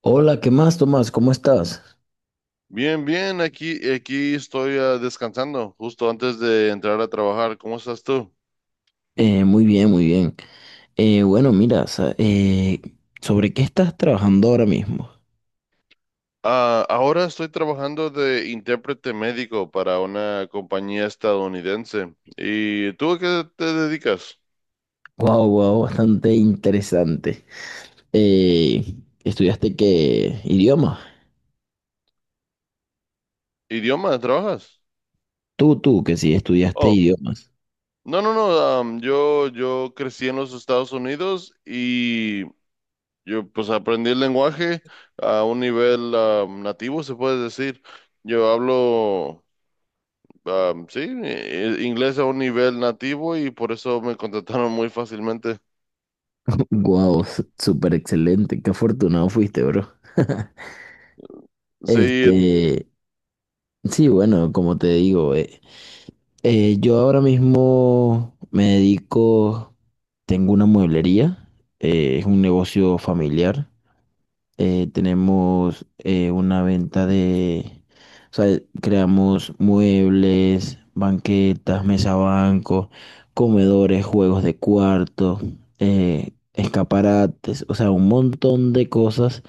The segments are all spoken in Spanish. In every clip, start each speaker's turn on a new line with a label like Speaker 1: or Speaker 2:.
Speaker 1: Hola, ¿qué más, Tomás? ¿Cómo estás?
Speaker 2: Bien, bien, aquí estoy descansando, justo antes de entrar a trabajar. ¿Cómo estás tú?
Speaker 1: Muy bien, muy bien. Bueno, mira, ¿sobre qué estás trabajando ahora mismo?
Speaker 2: Ah, ahora estoy trabajando de intérprete médico para una compañía estadounidense. ¿Y tú a qué te dedicas?
Speaker 1: Wow, wow, bastante interesante. Eh, ¿Estudiaste qué idiomas?
Speaker 2: ¿Idioma? ¿Trabajas?
Speaker 1: Tú, que sí, estudiaste
Speaker 2: Oh,
Speaker 1: idiomas.
Speaker 2: no, no, no. Yo crecí en los Estados Unidos y yo pues aprendí el lenguaje a un nivel nativo, se puede decir. Yo hablo. Sí, inglés a un nivel nativo y por eso me contrataron muy fácilmente.
Speaker 1: Wow, súper excelente. Qué afortunado fuiste, bro.
Speaker 2: Sí,
Speaker 1: Este, sí, bueno, como te digo, yo ahora mismo me dedico, tengo una mueblería, es un negocio familiar. Tenemos una venta de, o sea, creamos muebles, banquetas, mesa banco, comedores, juegos de cuarto, escaparates, o sea, un montón de cosas.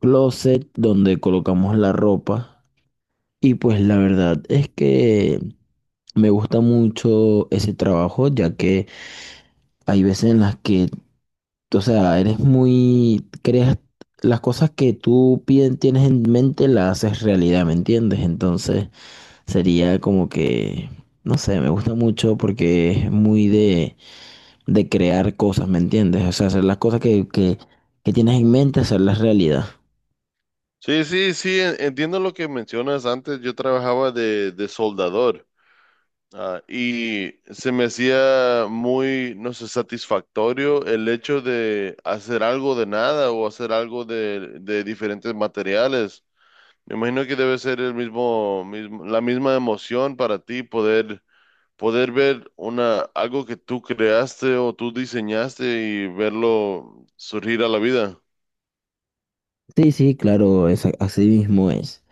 Speaker 1: Closet donde colocamos la ropa. Y pues la verdad es que me gusta mucho ese trabajo, ya que hay veces en las que, o sea, creas las cosas que tú tienes en mente, las haces realidad, ¿me entiendes? Entonces sería como que, no sé, me gusta mucho porque es muy de, crear cosas, ¿me entiendes? O sea, hacer las cosas que tienes en mente, hacerlas realidad.
Speaker 2: sí, sí, sí, entiendo lo que mencionas antes. Yo trabajaba de soldador, y se me hacía muy, no sé, satisfactorio el hecho de hacer algo de nada o hacer algo de diferentes materiales. Me imagino que debe ser el mismo, la misma emoción para ti poder ver una, algo que tú creaste o tú diseñaste y verlo surgir a la vida.
Speaker 1: Sí, sí, claro, es, así mismo es.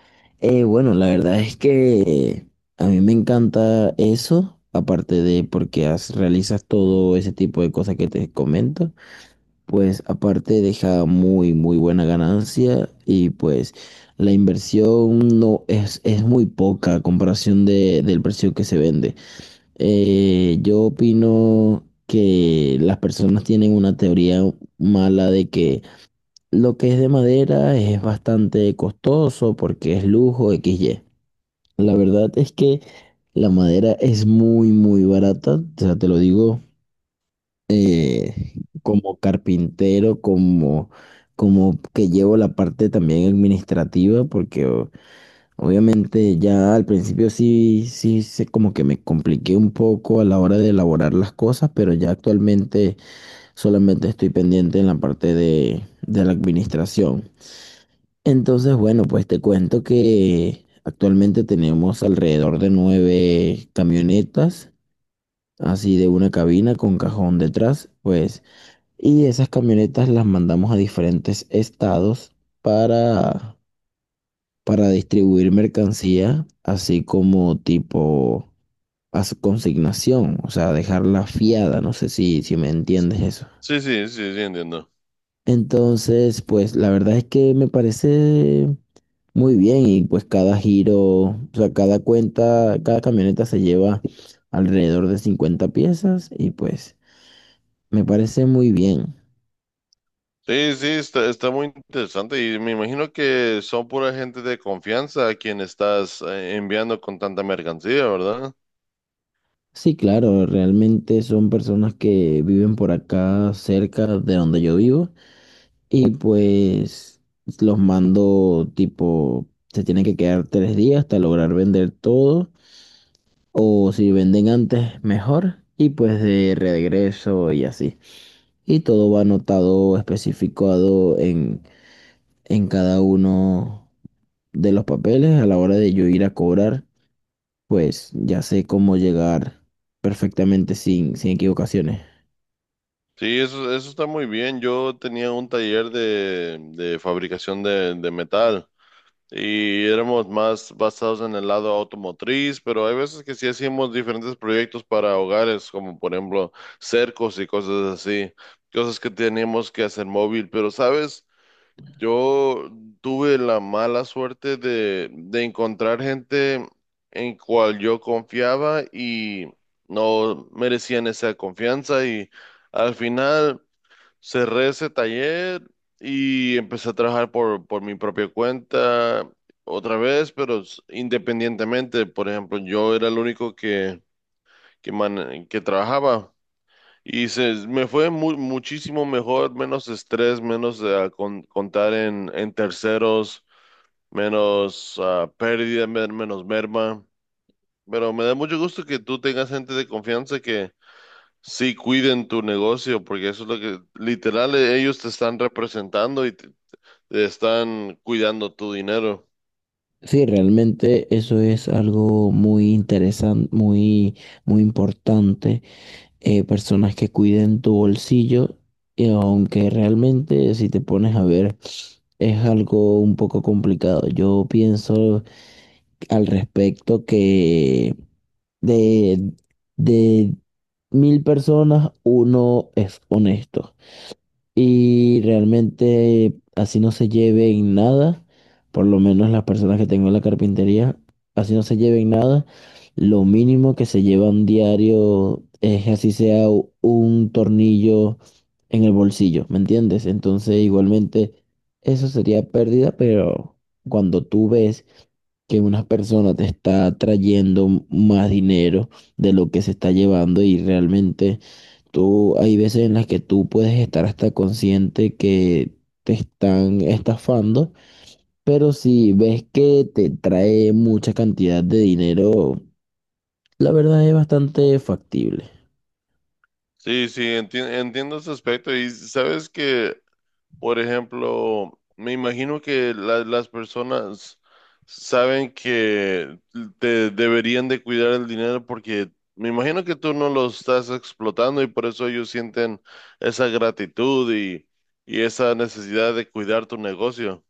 Speaker 1: Bueno, la verdad es que a mí me encanta eso, aparte de porque realizas todo ese tipo de cosas que te comento, pues aparte deja muy, muy buena ganancia y pues la inversión no es muy poca a comparación del precio que se vende. Yo opino que las personas tienen una teoría mala de que lo que es de madera es bastante costoso porque es lujo x y la verdad es que la madera es muy, muy barata. O sea, te lo digo como carpintero, como, como que llevo la parte también administrativa, porque obviamente ya al principio sí, sí, se como que me compliqué un poco a la hora de elaborar las cosas, pero ya actualmente solamente estoy pendiente en la parte de la administración. Entonces, bueno, pues te cuento que actualmente tenemos alrededor de nueve camionetas, así de una cabina con cajón detrás, pues, y esas camionetas las mandamos a diferentes estados para, para distribuir mercancía, así como tipo a su consignación, o sea, dejarla fiada, no sé si me entiendes eso.
Speaker 2: Sí, sí, sí, sí, entiendo.
Speaker 1: Entonces, pues la verdad es que me parece muy bien y pues cada giro, o sea, cada cuenta, cada camioneta se lleva alrededor de 50 piezas y pues me parece muy bien.
Speaker 2: Sí, sí, está, está muy interesante y me imagino que son pura gente de confianza a quien estás enviando con tanta mercancía, ¿verdad?
Speaker 1: Sí, claro, realmente son personas que viven por acá cerca de donde yo vivo y pues los mando tipo, se tienen que quedar 3 días hasta lograr vender todo o si venden antes, mejor, y pues de regreso y así. Y todo va anotado, especificado en cada uno de los papeles a la hora de yo ir a cobrar, pues ya sé cómo llegar perfectamente sin equivocaciones.
Speaker 2: Sí, eso está muy bien. Yo tenía un taller de fabricación de metal. Y éramos más basados en el lado automotriz, pero hay veces que sí hacíamos diferentes proyectos para hogares, como por ejemplo cercos y cosas así, cosas que teníamos que hacer móvil, pero sabes, yo tuve la mala suerte de encontrar gente en cual yo confiaba y no merecían esa confianza y al final cerré ese taller y empecé a trabajar por mi propia cuenta otra vez, pero independientemente. Por ejemplo, yo era el único que trabajaba y se, me fue muchísimo mejor, menos estrés, menos contar en terceros, menos pérdida, menos merma. Pero me da mucho gusto que tú tengas gente de confianza. Sí, cuiden tu negocio, porque eso es lo que literal ellos te están representando y te están cuidando tu dinero.
Speaker 1: Sí, realmente eso es algo muy interesante, muy, muy importante, personas que cuiden tu bolsillo, y aunque realmente si te pones a ver es algo un poco complicado. Yo pienso al respecto que de, de 1.000 personas uno es honesto. Y realmente así no se lleven nada, por lo menos las personas que tengo en la carpintería, así no se lleven nada. Lo mínimo que se llevan diario es así sea un tornillo en el bolsillo, ¿me entiendes? Entonces igualmente eso sería pérdida, pero cuando tú ves que una persona te está trayendo más dinero de lo que se está llevando y realmente. Tú, hay veces en las que tú puedes estar hasta consciente que te están estafando, pero si ves que te trae mucha cantidad de dinero, la verdad es bastante factible.
Speaker 2: Sí, sí, entiendo ese aspecto. Y sabes que, por ejemplo, me imagino que las personas saben que te deberían de cuidar el dinero porque me imagino que tú no lo estás explotando y por eso ellos sienten esa gratitud y esa necesidad de cuidar tu negocio.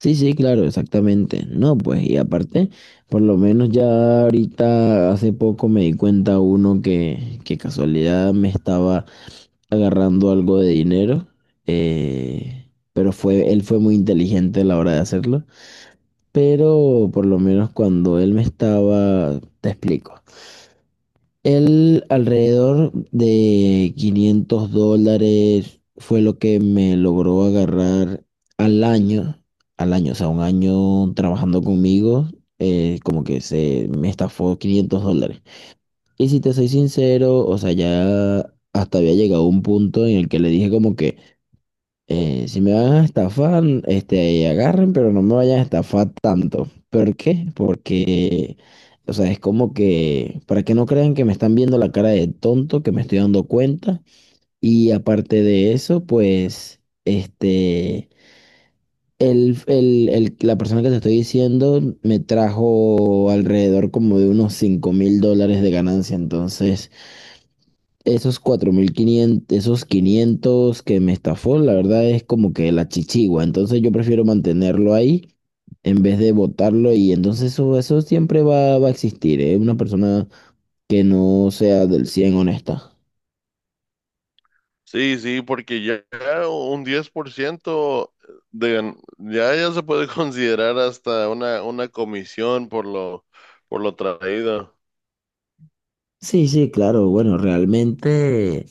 Speaker 1: Sí, sí, claro, exactamente. No, pues, y aparte, por lo menos ya ahorita hace poco me di cuenta uno que casualidad me estaba agarrando algo de dinero, él fue muy inteligente a la hora de hacerlo. Pero por lo menos cuando él me estaba, te explico. Él alrededor de $500 fue lo que me logró agarrar al año, al año, o sea, un año trabajando conmigo, como que se me estafó $500. Y si te soy sincero, o sea, ya hasta había llegado un punto en el que le dije como que si me van a estafar, este, agarren, pero no me vayan a estafar tanto. ¿Por qué? Porque, o sea, es como que, para que no crean que me están viendo la cara de tonto, que me estoy dando cuenta. Y aparte de eso, pues, este, la persona que te estoy diciendo me trajo alrededor como de unos 5.000 dólares de ganancia. Entonces, esos 4.500, esos 500 que me estafó, la verdad es como que la chichigua. Entonces yo prefiero mantenerlo ahí en vez de botarlo, y entonces eso siempre va a existir, ¿eh? Una persona que no sea del 100 honesta.
Speaker 2: Sí, sí, porque ya un 10% de, ya, ya se puede considerar hasta una comisión por lo traído.
Speaker 1: Sí, sí, claro. Bueno, realmente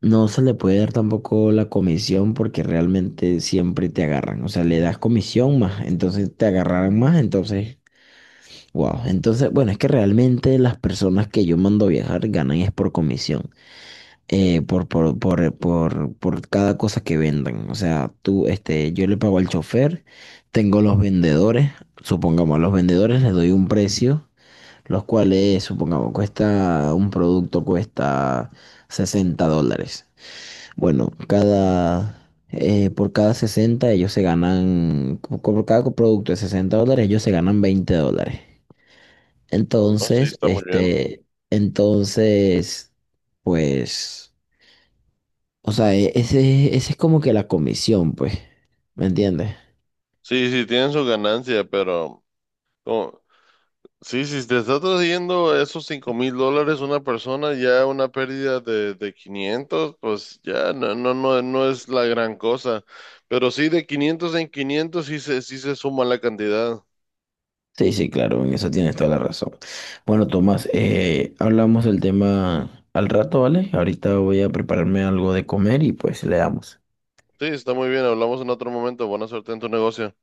Speaker 1: no se le puede dar tampoco la comisión porque realmente siempre te agarran. O sea, le das comisión más, entonces te agarrarán más, entonces. Wow, entonces, bueno, es que realmente las personas que yo mando a viajar ganan es por comisión, por cada cosa que vendan. O sea, tú, este, yo le pago al chofer, tengo los vendedores, supongamos, a los vendedores les doy un precio, los cuales, supongamos, cuesta, un producto cuesta 60 dólares. Bueno, por cada 60 ellos se ganan, por cada producto de 60 dólares ellos se ganan 20 dólares.
Speaker 2: No, sí,
Speaker 1: Entonces,
Speaker 2: está muy bien.
Speaker 1: este, entonces, pues, o sea, ese es como que la comisión, pues, ¿me entiendes?
Speaker 2: Sí, sí, tienen su ganancia, pero como- sí, si te está trayendo esos $5000 una persona, ya una pérdida de 500, pues ya no, no, no, no es la gran cosa. Pero sí, de 500 en 500 sí se suma la cantidad.
Speaker 1: Sí, sí, claro, en eso tienes toda la razón. Bueno, Tomás, hablamos del tema al rato, ¿vale? Ahorita voy a prepararme algo de comer y pues le damos.
Speaker 2: Sí, está muy bien. Hablamos en otro momento. Buena suerte en tu negocio.